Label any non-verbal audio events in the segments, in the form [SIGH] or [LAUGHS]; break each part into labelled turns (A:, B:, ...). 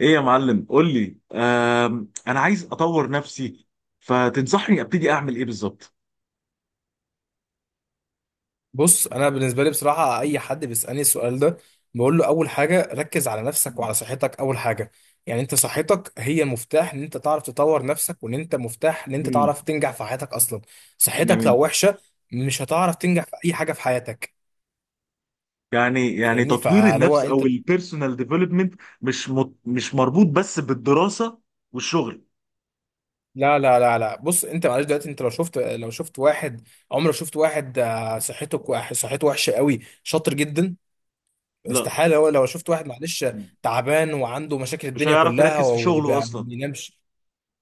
A: ايه يا معلم قول لي انا عايز اطور نفسي. فتنصحني ابتدي اعمل ايه بالظبط؟
B: بص، انا بالنسبه لي بصراحه اي حد بيسالني السؤال ده، بقول له اول حاجه ركز على نفسك وعلى صحتك اول حاجه. يعني انت صحتك هي المفتاح ان انت تعرف تطور نفسك، وان انت مفتاح ان انت
A: امم
B: تعرف تنجح في حياتك اصلا. صحتك
A: جميل.
B: لو وحشه مش هتعرف تنجح في اي حاجه في حياتك.
A: يعني
B: فاهمني،
A: تطوير
B: فاللي هو
A: النفس
B: انت
A: او البيرسونال ديفلوبمنت مش مربوط بس بالدراسة والشغل.
B: لا، لا، لا، لا، بص انت معلش دلوقتي انت لو شفت واحد، عمرك شفت واحد صحته صحته وحشه قوي شاطر جدا؟
A: لا.
B: استحالة. هو لو شفت واحد معلش
A: مم.
B: تعبان وعنده مشاكل
A: مش
B: الدنيا
A: هيعرف
B: كلها
A: يركز في شغله
B: وما
A: اصلا.
B: بينامش.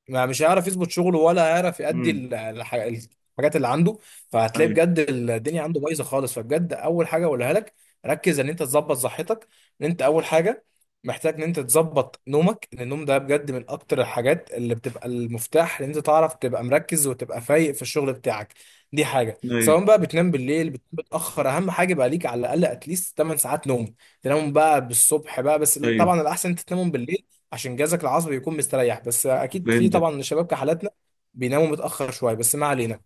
B: ما مش هيعرف يظبط شغله ولا هيعرف يأدي
A: امم.
B: الحاجات اللي عنده. فهتلاقي
A: ايوه،
B: بجد الدنيا عنده بايظه خالص، فبجد اول حاجه اقولها لك، ركز ان انت تظبط صحتك. ان انت اول حاجه محتاج ان انت تظبط نومك، لان النوم ده بجد من اكتر الحاجات اللي بتبقى المفتاح ان انت تعرف تبقى مركز وتبقى فايق في الشغل بتاعك. دي حاجه، سواء بقى
A: ايوه،
B: بتنام بالليل بتنام متاخر، اهم حاجه بقى ليك على الاقل اتليست 8 ساعات نوم. تنام بقى بالصبح بقى، بس
A: ايوه،
B: طبعا الاحسن انت تنامهم بالليل عشان جهازك العصبي يكون مستريح، بس اكيد في
A: فهمتك.
B: طبعا شباب كحالاتنا بيناموا متاخر شويه، بس ما علينا.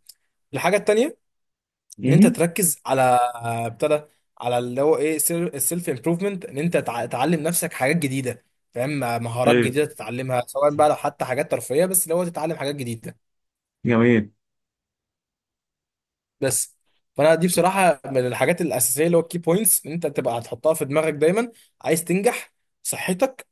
B: الحاجه التانيه ان انت
A: امم.
B: تركز على، ابتدى على اللي هو ايه السيلف امبروفمنت، ان انت تعلم نفسك حاجات جديده، فاهم، مهارات
A: ايوه.
B: جديده تتعلمها سواء بقى لو حتى حاجات ترفيهيه، بس اللي هو تتعلم حاجات جديده
A: جميل.
B: بس. فانا دي بصراحه من الحاجات الاساسيه اللي هو الكي بوينتس ان انت تبقى هتحطها في دماغك دايما. عايز تنجح، صحتك،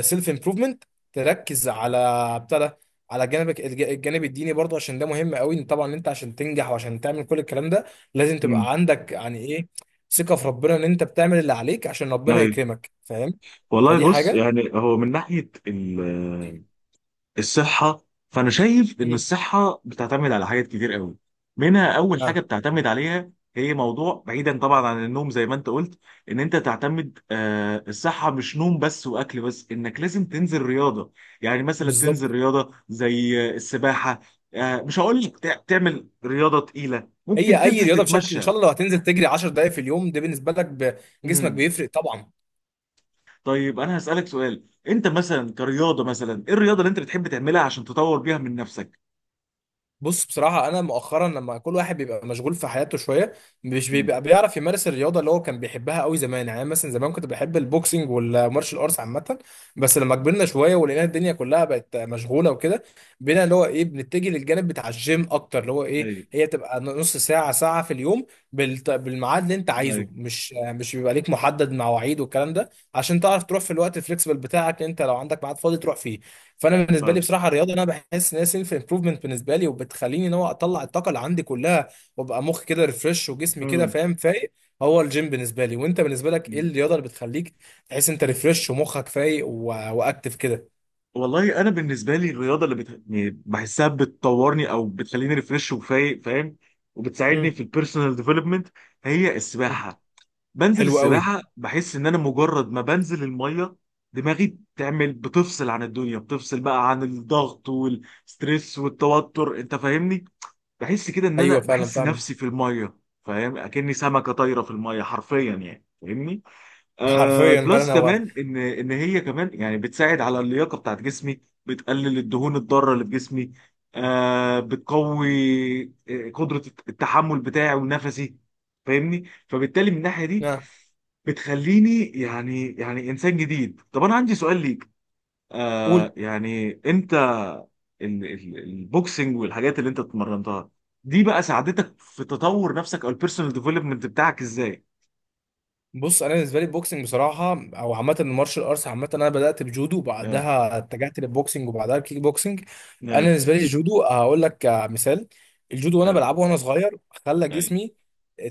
B: سيلف امبروفمنت، تركز على بتاع ده، على جانبك الجانب الديني برضه، عشان ده مهم قوي. إن طبعا انت عشان تنجح وعشان تعمل كل الكلام ده لازم
A: امم.
B: تبقى عندك يعني ايه، ثقة في ربنا ان انت بتعمل اللي عليك عشان ربنا
A: ايوه،
B: يكرمك، فاهم؟
A: والله
B: فدي
A: بص،
B: حاجة.
A: يعني هو من ناحية الصحة، فأنا شايف إن
B: مم.
A: الصحة بتعتمد على حاجات كتير قوي. منها أول حاجة
B: اه.
A: بتعتمد عليها هي موضوع، بعيدا طبعا عن النوم زي ما أنت قلت، إن أنت تعتمد الصحة مش نوم بس وأكل بس، إنك لازم تنزل رياضة. يعني مثلا
B: بالظبط.
A: تنزل رياضة زي السباحة. آه، مش هقول لك تعمل رياضة تقيلة، ممكن
B: هي اي
A: تنزل
B: رياضة بشكل ان
A: تتمشى.
B: شاء الله لو هتنزل تجري 10 دقائق في اليوم، ده بالنسبة لك جسمك
A: مم.
B: بيفرق طبعا.
A: طيب، أنا هسألك سؤال، أنت مثلا كرياضة مثلا إيه الرياضة اللي أنت بتحب تعملها عشان تطور بيها من نفسك؟
B: بص، بصراحة أنا مؤخرا لما كل واحد بيبقى مشغول في حياته شوية، مش
A: مم.
B: بيبقى بيعرف يمارس الرياضة اللي هو كان بيحبها قوي زمان. يعني أنا مثلا زمان كنت بحب البوكسنج والمارشال ارتس عامة، بس لما كبرنا شوية ولقينا الدنيا كلها بقت مشغولة وكده، بقينا اللي هو إيه بنتجه للجانب بتاع الجيم أكتر، اللي هو إيه
A: ايوه،
B: هي تبقى نص ساعة ساعة في اليوم، بالميعاد اللي أنت
A: ايوه.
B: عايزه، مش بيبقى ليك محدد مواعيد والكلام ده، عشان تعرف تروح في الوقت الفليكسبل بتاعك، أنت لو عندك ميعاد فاضي تروح فيه. فانا بالنسبه لي بصراحه الرياضه، انا بحس ان هي سيلف امبروفمنت بالنسبه لي، وبتخليني ان هو اطلع الطاقه اللي عندي كلها، وابقى مخي كده ريفرش وجسمي كده،
A: مم.
B: فاهم، فايق. هو الجيم بالنسبه لي، وانت بالنسبه لك ايه الرياضه اللي بتخليك تحس انت ريفرش ومخك فايق و... واكتف كده؟
A: والله انا بالنسبه لي الرياضه اللي يعني بحسها بتطورني او بتخليني ريفريش وفايق، فاهم، وبتساعدني
B: مم.
A: في البيرسونال ديفلوبمنت، هي السباحه. بنزل
B: حلو قوي.
A: السباحه بحس ان انا مجرد ما بنزل الميه دماغي بتفصل عن الدنيا، بتفصل بقى عن الضغط والستريس والتوتر، انت فاهمني. بحس كده ان انا
B: ايوه، فعلا
A: بحس
B: فاهمك.
A: نفسي في الميه، فاهم، اكني سمكه طايره في الميه حرفيا يعني، فاهمني.
B: [LAUGHS]
A: آه
B: حرفيا،
A: بلس
B: فعلا هو.
A: كمان ان هي كمان يعني بتساعد على اللياقه بتاعت جسمي، بتقلل الدهون الضاره اللي في جسمي، آه بتقوي قدره التحمل بتاعي ونفسي، فاهمني، فبالتالي من الناحيه دي
B: نعم.
A: بتخليني يعني انسان جديد. طب انا عندي سؤال ليك،
B: قول.
A: يعني انت البوكسنج والحاجات اللي انت اتمرنتها دي بقى ساعدتك في تطور نفسك او البيرسونال ديفلوبمنت بتاعك ازاي؟
B: بص، انا بالنسبه لي البوكسنج بصراحه، او عامه المارشال ارتس عامه، انا بدات بجودو
A: اه.
B: وبعدها اتجهت للبوكسنج وبعدها الكيك بوكسنج. انا
A: ايوه.
B: بالنسبه لي الجودو هقول لك مثال. الجودو وانا
A: اه.
B: بلعبه وانا صغير، خلى جسمي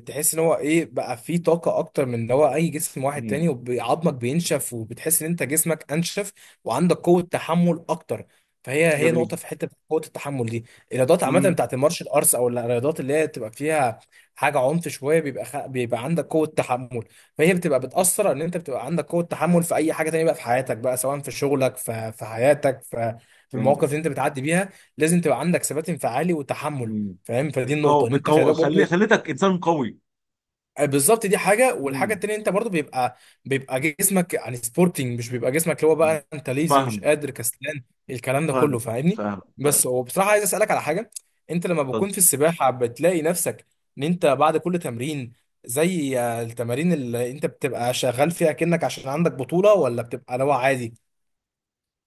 B: تحس ان هو ايه بقى فيه طاقه اكتر من ان هو اي جسم واحد تاني،
A: ايوه.
B: وعظمك بينشف وبتحس ان انت جسمك انشف، وعندك قوه تحمل اكتر. فهي
A: جميل.
B: نقطه في حته، قوه التحمل دي. الرياضات عامه
A: امم.
B: بتاعت المارشال ارتس، او الرياضات اللي هي تبقى فيها حاجه عنف شويه، بيبقى بيبقى عندك قوه تحمل. فهي بتبقى
A: أمم.
B: بتأثر ان انت بتبقى عندك قوة تحمل في اي حاجة تانية بقى في حياتك بقى، سواء في شغلك في حياتك في المواقف
A: فهمتك.
B: اللي انت بتعدي بيها. لازم تبقى عندك ثبات انفعالي وتحمل،
A: امم.
B: فاهم، فدي
A: بتقوي،
B: النقطة ان انت خلي بالك برضو.
A: خليتك انسان قوي.
B: بالظبط، دي حاجه. والحاجه
A: امم.
B: التانيه انت برضو بيبقى جسمك يعني سبورتنج، مش بيبقى جسمك اللي هو
A: أمم.
B: بقى انت ليزي مش
A: فاهم.
B: قادر كسلان، الكلام ده
A: فاهم،
B: كله، فاهمني؟
A: فاهم، فاهم.
B: بس هو بصراحه عايز اسالك على حاجه. انت لما
A: طب،
B: بتكون في السباحه بتلاقي نفسك ان انت بعد كل تمرين، زي التمارين اللي انت بتبقى شغال فيها، كأنك عشان عندك بطوله، ولا بتبقى لو عادي؟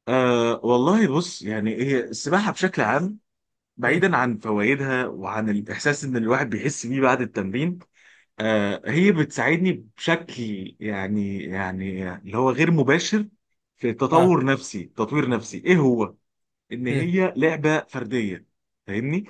A: والله بص، يعني هي السباحه بشكل عام،
B: مم.
A: بعيدا عن فوائدها وعن الاحساس ان الواحد بيحس بيه بعد التمرين، آه هي بتساعدني بشكل يعني اللي هو غير مباشر في
B: ها.
A: تطور نفسي، تطوير نفسي ايه هو، ان
B: مم.
A: هي لعبه فرديه، فاهمني،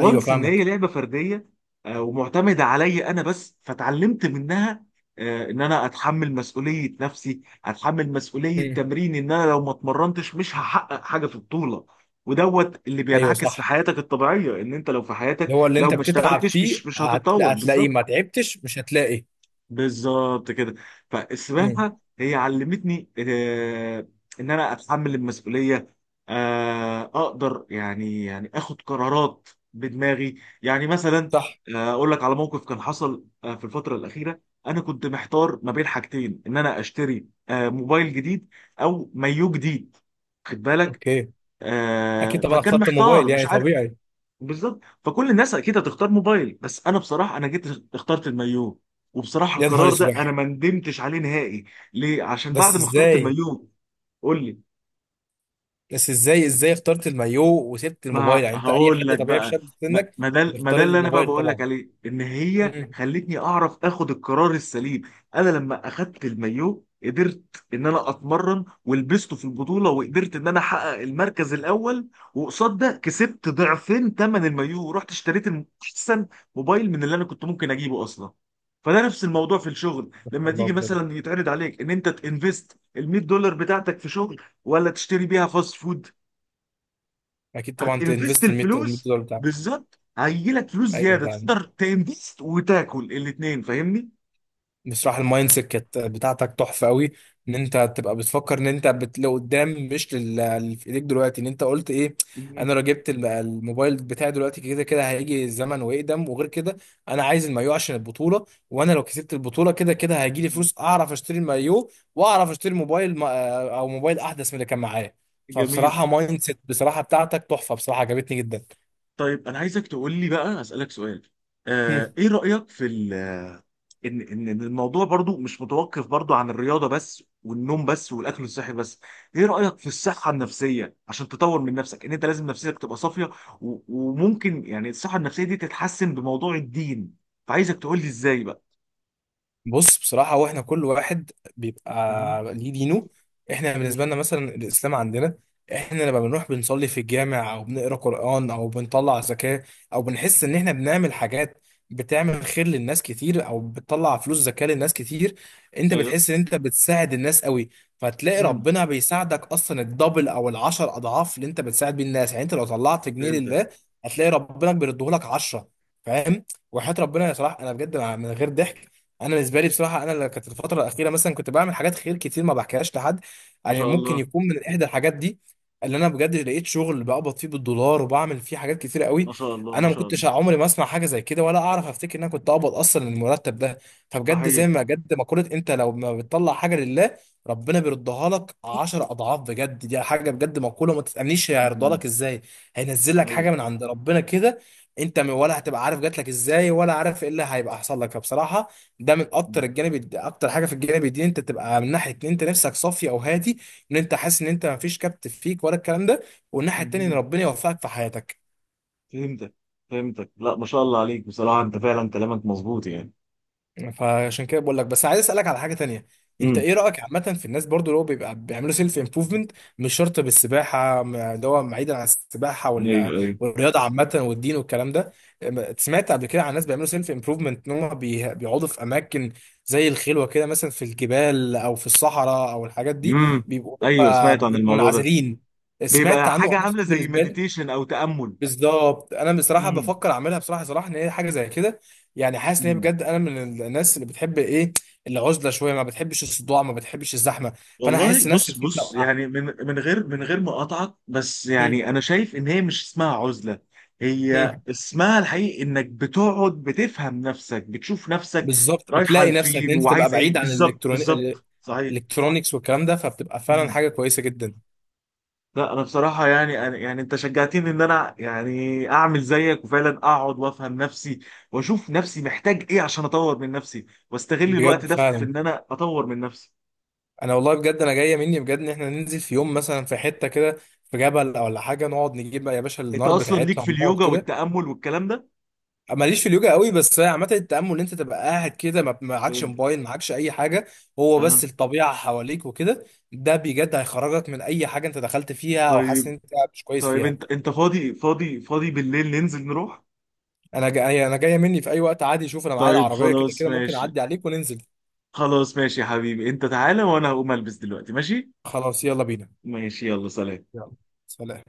B: ايوه،
A: ان هي
B: فاهمك.
A: لعبه فرديه. ومعتمده عليا انا بس، فتعلمت منها ان انا اتحمل مسؤوليه نفسي، اتحمل مسؤوليه
B: مم.
A: تمرين، ان انا لو ما اتمرنتش مش هحقق حاجه في البطوله. ودوت اللي
B: ايوه،
A: بينعكس في
B: صح.
A: حياتك الطبيعيه، ان انت لو في حياتك
B: اللي هو اللي
A: لو
B: انت
A: ما
B: بتتعب
A: اشتغلتش
B: فيه
A: مش هتتطور
B: هتلاقيه،
A: بالظبط.
B: ما تعبتش مش هتلاقي.
A: بالظبط كده.
B: مم.
A: فالسباحه هي علمتني ان انا اتحمل المسؤوليه، اقدر يعني اخد قرارات بدماغي. يعني مثلا
B: صح.
A: اقول لك على موقف كان حصل في الفتره الاخيره. انا كنت محتار ما بين حاجتين، ان انا اشتري موبايل جديد او مايو جديد، خد بالك.
B: اوكي. اكيد طبعا
A: فكان
B: اخترت
A: محتار
B: الموبايل،
A: مش
B: يعني
A: عارف
B: طبيعي.
A: بالظبط. فكل الناس اكيد هتختار موبايل، بس انا بصراحه انا جيت اخترت المايو. وبصراحه
B: يا نهار
A: القرار
B: اسود.
A: ده انا ما ندمتش عليه نهائي. ليه؟ عشان بعد
B: بس
A: ما اخترت
B: ازاي؟
A: المايو، قول لي،
B: بس ازاي، ازاي اخترت المايو وسبت الموبايل؟
A: ما
B: يعني انت اي
A: هقول
B: حد
A: لك
B: طبيعي في
A: بقى.
B: شاب في
A: ما
B: سنك
A: ما ده، ما
B: بيختار
A: ده اللي انا بقى
B: الموبايل
A: بقول لك
B: طبعا.
A: عليه، ان هي
B: مم.
A: خلتني اعرف اخد القرار السليم. انا لما اخدت المايو قدرت ان انا اتمرن ولبسته في البطوله وقدرت ان انا احقق المركز الاول، وقصاد ده كسبت ضعفين ثمن المايو ورحت اشتريت احسن موبايل من اللي انا كنت ممكن اجيبه اصلا. فده نفس الموضوع في الشغل لما
B: الله،
A: تيجي
B: بجد.
A: مثلا يتعرض عليك ان انت تنفست ال $100 بتاعتك في شغل ولا تشتري بيها فاست فود.
B: اكيد طبعا
A: هتنفست
B: تنفست ال 100
A: الفلوس؟
B: دولار بتاعك.
A: بالظبط. هيجيلك فلوس
B: ايوه،
A: زياده
B: فعلا.
A: تقدر تنفست وتاكل الاثنين، فاهمني؟
B: بصراحة المايند سيت كانت بتاعتك تحفة قوي، ان انت تبقى بتفكر ان انت لقدام، مش اللي في ايديك دلوقتي، ان انت قلت ايه؟ انا
A: مم.
B: لو جبت الموبايل بتاعي دلوقتي كده كده هيجي الزمن ويقدم، وغير كده انا عايز المايو عشان البطولة، وانا لو كسبت البطولة كده كده هيجي لي فلوس اعرف اشتري المايو واعرف اشتري موبايل او موبايل احدث من اللي كان معايا.
A: جميل.
B: فبصراحة مايند سيت بصراحة بتاعتك تحفة، بصراحة عجبتني جدا.
A: طيب، انا عايزك تقول لي بقى، اسالك سؤال، ايه رايك في ان ان إن الموضوع برضو مش متوقف برضو عن الرياضه بس والنوم بس والاكل الصحي بس. ايه رايك في الصحه النفسيه عشان تطور من نفسك، ان انت لازم نفسيتك تبقى صافيه، وممكن يعني الصحه النفسيه دي تتحسن بموضوع الدين؟ فعايزك تقول لي ازاي بقى.
B: بص، بصراحة هو احنا كل واحد
A: مهم.
B: بيبقى ليه دينه. احنا بالنسبة
A: مم.
B: لنا مثلا الإسلام عندنا، احنا لما بنروح بنصلي في الجامع أو بنقرأ قرآن أو بنطلع زكاة، أو بنحس إن احنا بنعمل حاجات بتعمل خير للناس كتير أو بتطلع فلوس زكاة للناس كتير، أنت
A: ايوه.
B: بتحس إن أنت بتساعد الناس قوي. فتلاقي
A: امم.
B: ربنا بيساعدك أصلا الدبل أو العشر أضعاف اللي أنت بتساعد بيه الناس. يعني أنت لو طلعت جنيه
A: فهمتك.
B: لله، هتلاقي ربنا بيردهولك عشرة، فاهم؟ وحياة ربنا يا صلاح، أنا بجد من غير ضحك، انا بالنسبه لي بصراحه انا اللي كانت الفتره الاخيره مثلا كنت بعمل حاجات خير كتير ما بحكيهاش لحد،
A: ما
B: يعني
A: شاء
B: ممكن
A: الله.
B: يكون من احدى الحاجات دي، اللي انا بجد لقيت شغل بقبض فيه بالدولار وبعمل فيه حاجات كتير قوي.
A: ما شاء الله، ما
B: انا ما
A: شاء الله.
B: كنتش عمري ما اسمع حاجه زي كده، ولا اعرف افتكر ان انا كنت اقبض اصلا المرتب ده. فبجد زي
A: صحيح.
B: ما بجد مقوله، انت لو ما بتطلع حاجه لله، ربنا بيردها لك 10 اضعاف. بجد دي حاجه، بجد مقوله ما تتامنيش هيرضى لك
A: امم.
B: ازاي، هينزل لك
A: ايوه.
B: حاجه من عند ربنا كده، انت ولا هتبقى عارف جات لك ازاي، ولا عارف ايه اللي هيبقى حصل لك. فبصراحه ده من اكتر
A: مم.
B: الجانب اكتر حاجه في الجانب الديني، انت تبقى من ناحيه ان انت نفسك صافي او هادي، ان انت حاسس ان انت ما فيش كبت فيك ولا الكلام ده، والناحيه التانيه ان
A: مم.
B: ربنا يوفقك في حياتك.
A: فهمتك، فهمتك. لا، ما شاء الله عليك بصراحة، انت فعلا كلامك مظبوط يعني.
B: فعشان كده بقول لك بس عايز اسالك على حاجه تانية، انت
A: امم.
B: ايه رايك، اتفضل، عامه في الناس برضو اللي هو بيبقى بيعملوا سيلف امبروفمنت، مش شرط بالسباحه، اللي هو بعيدا عن السباحه،
A: ايوه،
B: ولا
A: ايوه.
B: والرياضه عامه والدين والكلام ده، سمعت قبل كده عن ناس بيعملوا سيلف امبروفمنت ان هم بيقعدوا في اماكن زي الخلوه كده مثلا، في الجبال او في الصحراء او الحاجات دي،
A: امم.
B: بيبقوا
A: ايوه،
B: آه،
A: سمعت عن
B: بيبقوا
A: الموضوع ده.
B: منعزلين. سمعت
A: بيبقى
B: عنه،
A: حاجة
B: انا
A: عاملة زي
B: بالنسبه لي
A: مديتيشن او تأمل.
B: بالظبط، انا بصراحه بفكر اعملها بصراحه ان هي حاجه زي كده. يعني حاسس ان هي
A: امم.
B: بجد، انا من الناس اللي بتحب ايه، العزله شويه، ما بتحبش الصداع ما بتحبش الزحمه. فانا
A: والله
B: هحس نفسي
A: بص،
B: بصراحه لو
A: بص، يعني من غير ما اقاطعك، بس
B: مم.
A: يعني انا شايف ان هي مش اسمها عزله. هي
B: مم.
A: اسمها الحقيقي انك بتقعد بتفهم نفسك، بتشوف نفسك
B: بالظبط،
A: رايحه
B: بتلاقي نفسك ان
A: لفين
B: انت تبقى
A: وعايزه ايه
B: بعيد عن
A: بالظبط. بالظبط، صحيح.
B: الالكترونيكس والكلام ده، فبتبقى فعلا
A: مم.
B: حاجه كويسه جدا.
A: لا انا بصراحه يعني أنا، يعني انت شجعتني ان انا يعني اعمل زيك وفعلا اقعد وافهم نفسي، واشوف نفسي محتاج ايه عشان اطور من نفسي واستغل
B: بجد،
A: الوقت ده في
B: فعلا.
A: ان انا اطور من نفسي.
B: انا والله بجد، انا جايه مني بجد ان احنا ننزل في يوم مثلا في حته كده، في جبل ولا حاجه، نقعد نجيب بقى يا باشا
A: انت
B: النار
A: اصلا ليك
B: بتاعتنا
A: في
B: ونقعد
A: اليوجا
B: كده.
A: والتامل والكلام ده.
B: ماليش في اليوجا قوي، بس هي عامه التامل ان انت تبقى قاعد كده ما معكش موبايل معكش اي حاجه، هو بس
A: فهمت.
B: الطبيعه حواليك وكده. ده بجد هيخرجك من اي حاجه انت دخلت فيها او حاسس ان
A: طيب.
B: انت مش كويس
A: طيب،
B: فيها.
A: انت فاضي، فاضي، فاضي بالليل، ننزل نروح؟
B: انا جايه مني في اي وقت عادي، شوف انا معايا
A: طيب
B: العربيه كده
A: خلاص
B: كده ممكن
A: ماشي.
B: اعدي عليك وننزل.
A: خلاص ماشي يا حبيبي، انت تعالى وانا هقوم البس دلوقتي، ماشي.
B: خلاص يلا بينا.
A: ماشي، يلا، سلام.
B: يلا، سلام.